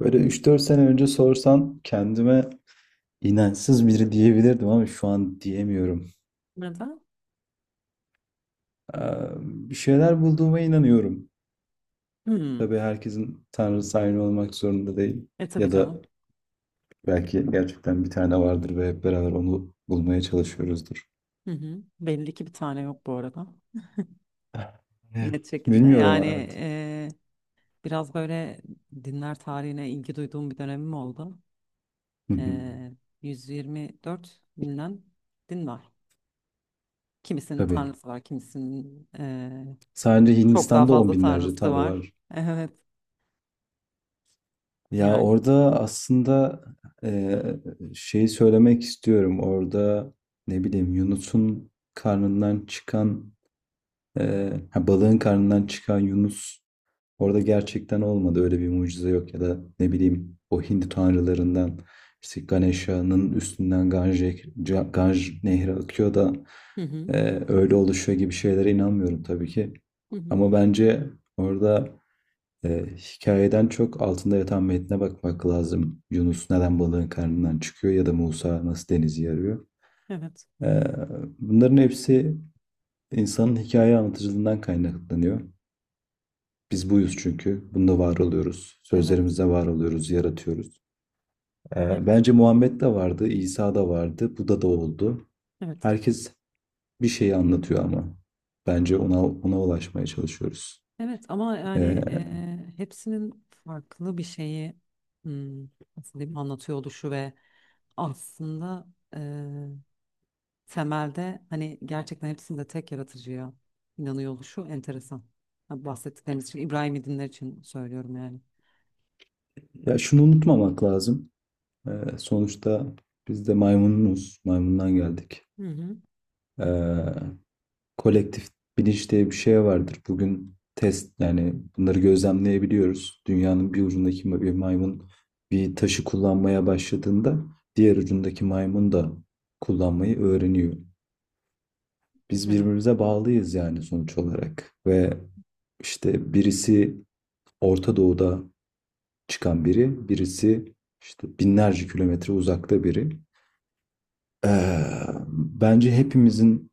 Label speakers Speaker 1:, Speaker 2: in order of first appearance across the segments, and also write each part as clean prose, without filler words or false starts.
Speaker 1: Böyle üç dört sene önce sorsan kendime inançsız biri diyebilirdim ama şu an diyemiyorum.
Speaker 2: Neden?
Speaker 1: Ee, Bir şeyler bulduğuma inanıyorum.
Speaker 2: Hmm.
Speaker 1: Tabii herkesin tanrısı aynı olmak zorunda değil.
Speaker 2: E tabii
Speaker 1: Ya da
Speaker 2: canım.
Speaker 1: belki gerçekten bir tane vardır ve hep beraber onu bulmaya çalışıyoruzdur.
Speaker 2: Hı hı. Belli ki bir tane yok bu arada.
Speaker 1: Eh,
Speaker 2: Net şekilde.
Speaker 1: Bilmiyorum
Speaker 2: Yani
Speaker 1: artık.
Speaker 2: e, biraz böyle dinler tarihine ilgi duyduğum bir dönemim oldu. E, 124 binden din var. Kimisinin
Speaker 1: Tabii.
Speaker 2: tanrısı var, kimisinin
Speaker 1: Sadece
Speaker 2: çok daha
Speaker 1: Hindistan'da on
Speaker 2: fazla
Speaker 1: binlerce
Speaker 2: tanrısı da
Speaker 1: tanrı
Speaker 2: var.
Speaker 1: var.
Speaker 2: Evet,
Speaker 1: Ya
Speaker 2: yani.
Speaker 1: orada aslında eee, şeyi söylemek istiyorum. Orada ne bileyim Yunus'un karnından çıkan ha, balığın karnından çıkan Yunus orada gerçekten olmadı. Öyle bir mucize yok ya da ne bileyim o Hindu tanrılarından işte Ganesha'nın üstünden Ganj, Ganj nehri akıyor da
Speaker 2: Hı hı.
Speaker 1: öyle oluşuyor gibi şeylere inanmıyorum tabii ki.
Speaker 2: Hı hı.
Speaker 1: Ama bence orada hikayeden çok altında yatan metne bakmak lazım. Yunus neden balığın karnından çıkıyor ya da Musa nasıl denizi yarıyor.
Speaker 2: Evet,
Speaker 1: Ee, Bunların hepsi insanın hikaye anlatıcılığından kaynaklanıyor. Biz buyuz çünkü. Bunda var oluyoruz.
Speaker 2: evet.
Speaker 1: Sözlerimizde var oluyoruz, yaratıyoruz.
Speaker 2: Ya,
Speaker 1: Bence Muhammed de vardı, İsa da vardı, Buda da oldu.
Speaker 2: evet.
Speaker 1: Herkes bir şeyi anlatıyor ama bence ona ulaşmaya çalışıyoruz.
Speaker 2: Evet ama
Speaker 1: Ee,
Speaker 2: yani hepsinin farklı bir şeyi hmm, nasıl diyeyim anlatıyor oluşu ve aslında e, temelde hani gerçekten hepsinde tek yaratıcıya inanıyor oluşu enteresan. Ha, bahsettiklerimiz için İbrahim'i dinler için söylüyorum yani.
Speaker 1: Ya şunu unutmamak lazım. Sonuçta biz de maymunuz. Maymundan geldik.
Speaker 2: Hı hı.
Speaker 1: Ee, Kolektif bilinç diye bir şey vardır. Bugün test yani bunları gözlemleyebiliyoruz. Dünyanın bir ucundaki bir maymun bir taşı kullanmaya başladığında diğer ucundaki maymun da kullanmayı öğreniyor. Biz
Speaker 2: Evet.
Speaker 1: birbirimize bağlıyız yani sonuç olarak. Ve işte birisi Orta Doğu'da çıkan biri, birisi işte binlerce kilometre uzakta biri. Ee, Bence hepimizin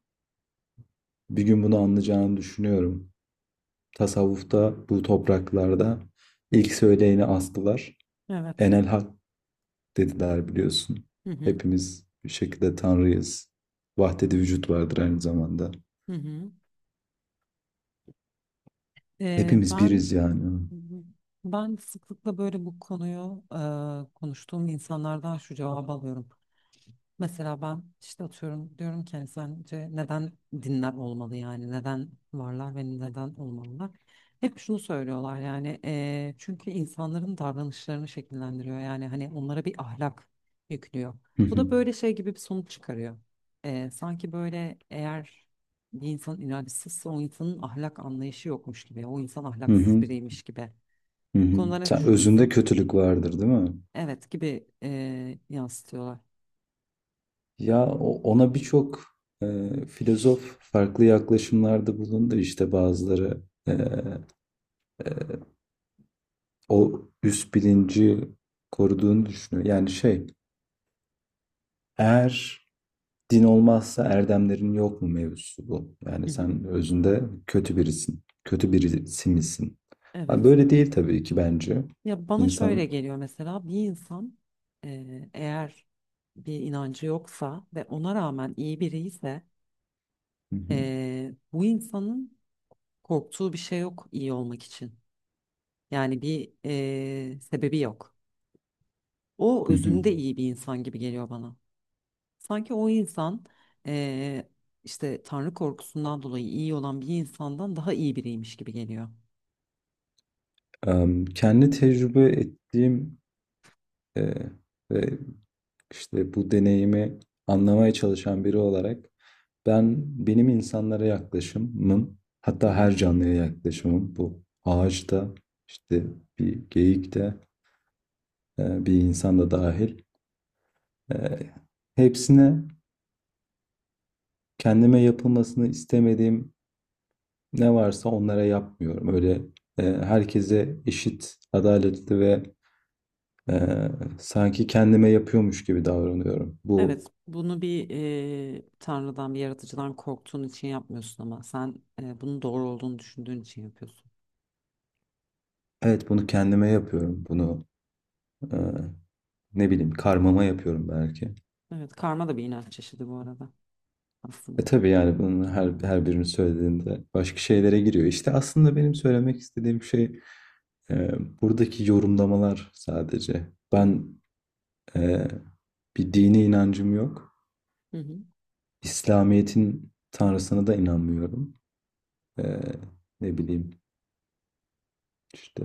Speaker 1: bir gün bunu anlayacağını düşünüyorum. Tasavvufta bu topraklarda ilk söyleyeni astılar.
Speaker 2: Evet.
Speaker 1: Enel Hak dediler biliyorsun.
Speaker 2: Hı hı.
Speaker 1: Hepimiz bir şekilde Tanrıyız. Vahdedi vücut vardır aynı zamanda.
Speaker 2: Hı hı. E,
Speaker 1: Hepimiz
Speaker 2: ben
Speaker 1: biriz yani.
Speaker 2: ben sıklıkla böyle bu konuyu konuştuğum insanlardan şu cevabı alıyorum. Mesela ben işte atıyorum diyorum ki hani sence neden dinler olmalı, yani neden varlar ve neden olmalılar? Hep şunu söylüyorlar, yani çünkü insanların davranışlarını şekillendiriyor, yani hani onlara bir ahlak yüklüyor.
Speaker 1: Hı
Speaker 2: Bu
Speaker 1: hı.
Speaker 2: da böyle şey gibi bir sonuç çıkarıyor. Sanki böyle, eğer bir insan inançsızsa o insanın ahlak anlayışı yokmuş gibi, o insan
Speaker 1: Hı
Speaker 2: ahlaksız
Speaker 1: hı.
Speaker 2: biriymiş gibi.
Speaker 1: Hı
Speaker 2: Bu
Speaker 1: hı.
Speaker 2: konuda ne
Speaker 1: Sen özünde
Speaker 2: düşünüyorsun?
Speaker 1: kötülük vardır, değil mi?
Speaker 2: Evet gibi yansıtıyorlar.
Speaker 1: Ya ona birçok e, filozof farklı yaklaşımlarda bulundu. İşte bazıları e, o üst bilinci koruduğunu düşünüyor. Yani şey, eğer din olmazsa erdemlerin yok mu mevzusu bu.
Speaker 2: Hı
Speaker 1: Yani
Speaker 2: hı.
Speaker 1: sen özünde kötü birisin. Kötü birisi misin? Ha,
Speaker 2: Evet.
Speaker 1: böyle değil tabii ki bence.
Speaker 2: Ya bana şöyle
Speaker 1: İnsan.
Speaker 2: geliyor: mesela bir insan, eğer bir inancı yoksa ve ona rağmen iyi biri ise,
Speaker 1: Hı hı,
Speaker 2: bu insanın korktuğu bir şey yok iyi olmak için. Yani bir sebebi yok. O
Speaker 1: hı hı.
Speaker 2: özünde iyi bir insan gibi geliyor bana. Sanki o insan eee, işte Tanrı korkusundan dolayı iyi olan bir insandan daha iyi biriymiş gibi geliyor.
Speaker 1: Kendi tecrübe ettiğim e, ve işte bu deneyimi anlamaya çalışan biri olarak ben benim insanlara yaklaşımım hatta her canlıya yaklaşımım bu ağaçta işte bir geyik de bir insan da dahil, Eee, hepsine kendime yapılmasını istemediğim ne varsa onlara yapmıyorum. Öyle herkese eşit, adaletli ve eee, sanki kendime yapıyormuş gibi davranıyorum.
Speaker 2: Evet,
Speaker 1: Bu,
Speaker 2: bunu bir tanrıdan, bir yaratıcıdan korktuğun için yapmıyorsun, ama sen bunun doğru olduğunu düşündüğün için yapıyorsun.
Speaker 1: evet, bunu kendime yapıyorum. Bunu eee, ne bileyim karmama yapıyorum belki.
Speaker 2: Evet, karma da bir inanç çeşidi bu arada
Speaker 1: E
Speaker 2: aslında.
Speaker 1: tabii yani bunun
Speaker 2: Hı hı,
Speaker 1: her birini söylediğinde başka şeylere giriyor. İşte
Speaker 2: hı
Speaker 1: aslında
Speaker 2: hı,
Speaker 1: benim söylemek istediğim şey eee, buradaki yorumlamalar sadece.
Speaker 2: hı
Speaker 1: Ben eee Bir dini inancım yok.
Speaker 2: hı, hı hı.
Speaker 1: İslamiyet'in tanrısına da inanmıyorum. Ee, Ne bileyim işte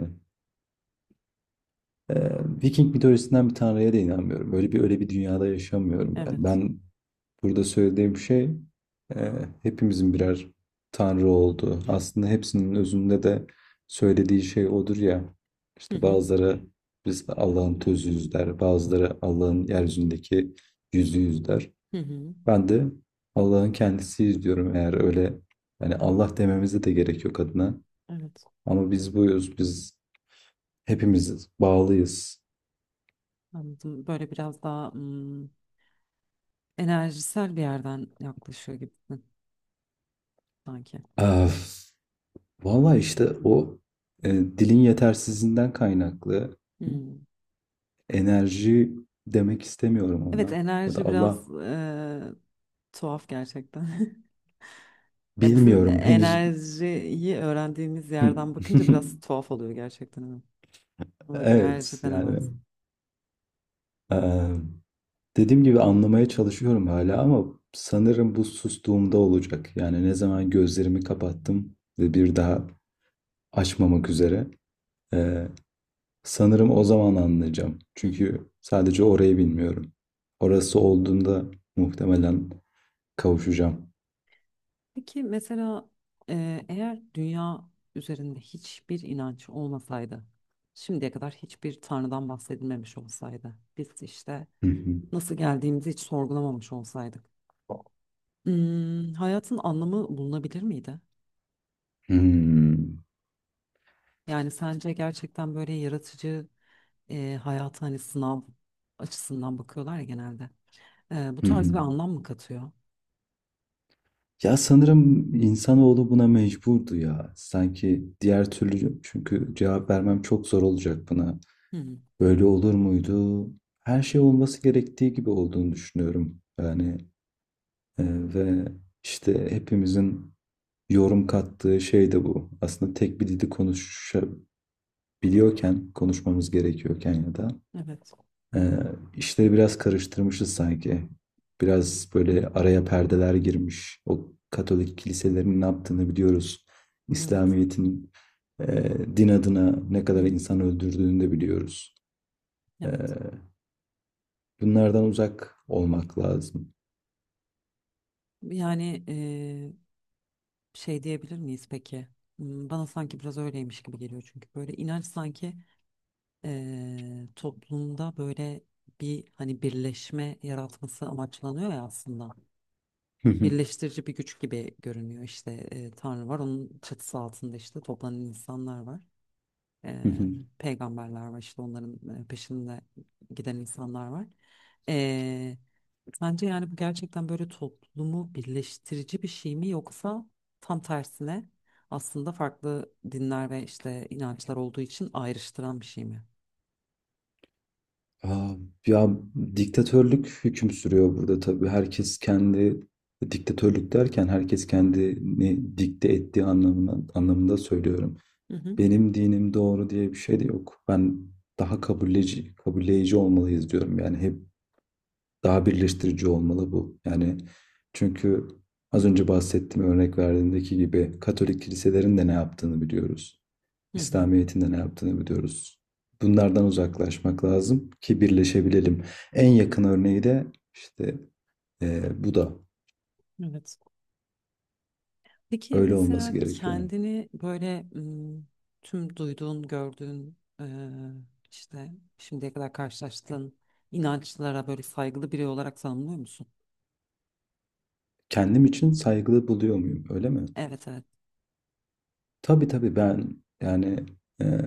Speaker 1: ee, Viking mitolojisinden bir tanrıya da inanmıyorum. Öyle bir dünyada yaşamıyorum ben.
Speaker 2: Evet.
Speaker 1: Ben burada söylediğim şey ee, hepimizin birer tanrı olduğu. Aslında hepsinin özünde de söylediği şey odur ya.
Speaker 2: Hı
Speaker 1: İşte
Speaker 2: hı,
Speaker 1: bazıları biz Allah'ın tözüyüz der, bazıları Allah'ın yeryüzündeki yüzüyüz der.
Speaker 2: hı hı.
Speaker 1: Ben de Allah'ın kendisiyiz diyorum eğer öyle yani Allah dememize de gerek yok adına.
Speaker 2: Evet,
Speaker 1: Ama biz buyuz, biz hepimiz bağlıyız.
Speaker 2: anladım. Böyle biraz daha hmm, enerjisel bir yerden yaklaşıyor gibisin sanki.
Speaker 1: Öf. Valla işte o dilin yetersizliğinden kaynaklı
Speaker 2: Hmm.
Speaker 1: enerji demek istemiyorum
Speaker 2: Evet,
Speaker 1: ona. Ya da
Speaker 2: enerji
Speaker 1: Allah
Speaker 2: biraz tuhaf gerçekten. Ya bizim
Speaker 1: bilmiyorum henüz.
Speaker 2: enerjiyi öğrendiğimiz yerden bakınca biraz tuhaf oluyor gerçekten. Ama. Ama bak, enerji
Speaker 1: Evet yani.
Speaker 2: denemez.
Speaker 1: e, Dediğim gibi anlamaya çalışıyorum hala ama sanırım bu sustuğumda olacak. Yani ne
Speaker 2: Hı
Speaker 1: zaman
Speaker 2: hı.
Speaker 1: gözlerimi kapattım ve bir daha açmamak üzere. eee, Sanırım o zaman anlayacağım.
Speaker 2: Hı hı.
Speaker 1: Çünkü sadece orayı bilmiyorum. Orası olduğunda muhtemelen kavuşacağım.
Speaker 2: Peki mesela eğer dünya üzerinde hiçbir inanç olmasaydı, şimdiye kadar hiçbir tanrıdan bahsedilmemiş olsaydı, biz işte
Speaker 1: Hı hı.
Speaker 2: nasıl geldiğimizi hiç sorgulamamış olsaydık, hmm, hayatın anlamı bulunabilir miydi?
Speaker 1: Hmm.
Speaker 2: Yani sence gerçekten böyle yaratıcı, hayata hani sınav açısından bakıyorlar ya genelde. Bu
Speaker 1: Hı
Speaker 2: tarz
Speaker 1: hı.
Speaker 2: bir anlam mı katıyor?
Speaker 1: Ya sanırım insanoğlu buna mecburdu ya. Sanki diğer türlü çünkü cevap vermem çok zor olacak buna.
Speaker 2: Hı hı.
Speaker 1: Böyle olur muydu? Her şey olması gerektiği gibi olduğunu düşünüyorum. Yani e, ve işte hepimizin yorum kattığı şey de bu. Aslında tek bir dili konuşabiliyorken, konuşmamız gerekiyorken ya da
Speaker 2: Evet,
Speaker 1: ee, işleri biraz karıştırmışız sanki. Biraz böyle araya perdeler girmiş. O Katolik kiliselerin ne yaptığını biliyoruz.
Speaker 2: evet,
Speaker 1: İslamiyet'in e, din adına ne
Speaker 2: hı
Speaker 1: kadar
Speaker 2: hı.
Speaker 1: insan öldürdüğünü de biliyoruz. Ee,
Speaker 2: Evet.
Speaker 1: Bunlardan uzak olmak lazım.
Speaker 2: Yani şey diyebilir miyiz peki? Hmm, bana sanki biraz öyleymiş gibi geliyor, çünkü böyle inanç sanki toplumda böyle bir hani birleşme yaratması amaçlanıyor ya aslında. Birleştirici bir güç gibi görünüyor işte; Tanrı var, onun çatısı altında işte toplanan insanlar var. Eee, Peygamberler var, işte onların peşinde giden insanlar var. Eee, Sence yani bu gerçekten böyle toplumu birleştirici bir şey mi, yoksa tam tersine, aslında farklı dinler ve işte inançlar olduğu için ayrıştıran bir şey mi?
Speaker 1: Aa, ya diktatörlük hüküm sürüyor burada tabii. Herkes kendi, diktatörlük derken herkes kendini dikte ettiği anlamında söylüyorum.
Speaker 2: Hı hı.
Speaker 1: Benim dinim doğru diye bir şey de yok. Ben daha kabulleyici olmalıyız diyorum. Yani hep daha birleştirici olmalı bu. Yani çünkü az önce bahsettiğim örnek verdiğimdeki gibi Katolik kiliselerin de ne yaptığını biliyoruz.
Speaker 2: Hı hı.
Speaker 1: İslamiyet'in de ne yaptığını biliyoruz. Bunlardan uzaklaşmak lazım ki birleşebilelim. En yakın örneği de işte bu da
Speaker 2: Evet. Peki
Speaker 1: öyle olması
Speaker 2: mesela
Speaker 1: gerekiyor.
Speaker 2: kendini böyle ım, tüm duyduğun, gördüğün, işte şimdiye kadar karşılaştığın inançlara böyle saygılı biri olarak tanımlıyor musun?
Speaker 1: Kendim için saygılı buluyor muyum öyle mi?
Speaker 2: Evet, evet.
Speaker 1: Tabii tabii ben yani ee,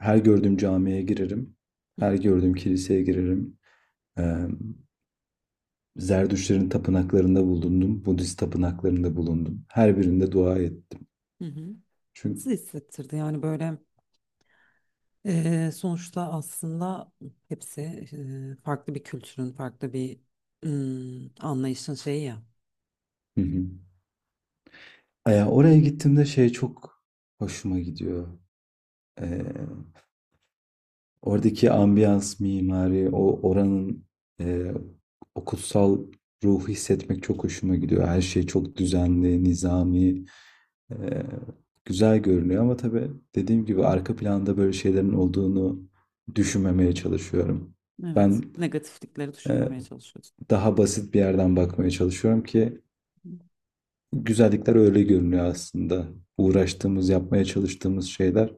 Speaker 1: her gördüğüm camiye girerim.
Speaker 2: Hı
Speaker 1: Her gördüğüm kiliseye girerim. Eee Zerdüştlerin tapınaklarında bulundum. Budist tapınaklarında bulundum. Her birinde dua ettim.
Speaker 2: hı. Hı.
Speaker 1: Çünkü.
Speaker 2: Nasıl hissettirdi yani böyle? Sonuçta aslında hepsi farklı bir kültürün, farklı bir ım, anlayışın şeyi ya.
Speaker 1: Hı hı. Oraya gittiğimde şey çok hoşuma gidiyor. Eee, Oradaki ambiyans, mimari, o oranın eee o kutsal ruhu hissetmek çok hoşuma gidiyor. Her şey çok düzenli, nizami. Ee, Güzel görünüyor ama tabii dediğim gibi arka planda böyle şeylerin olduğunu düşünmemeye çalışıyorum.
Speaker 2: Evet,
Speaker 1: Ben
Speaker 2: negatiflikleri
Speaker 1: e,
Speaker 2: düşünmemeye çalışıyoruz.
Speaker 1: daha basit bir yerden bakmaya çalışıyorum ki güzellikler öyle görünüyor aslında. Uğraştığımız, yapmaya çalıştığımız şeyler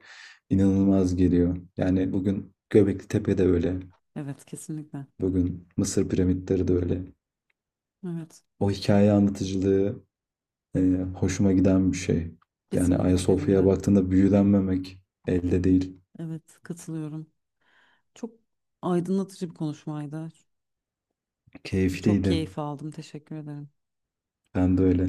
Speaker 1: inanılmaz geliyor. Yani bugün Göbekli Tepe de öyle.
Speaker 2: Evet, kesinlikle.
Speaker 1: Bugün Mısır piramitleri de öyle.
Speaker 2: Evet,
Speaker 1: O hikaye anlatıcılığı e, hoşuma giden bir şey. Yani
Speaker 2: kesinlikle benim
Speaker 1: Ayasofya'ya
Speaker 2: de.
Speaker 1: baktığında büyülenmemek elde değil.
Speaker 2: Evet, katılıyorum. Çok aydınlatıcı bir konuşmaydı. Çok
Speaker 1: Keyifliydi.
Speaker 2: keyif aldım. Teşekkür ederim.
Speaker 1: Ben de öyle.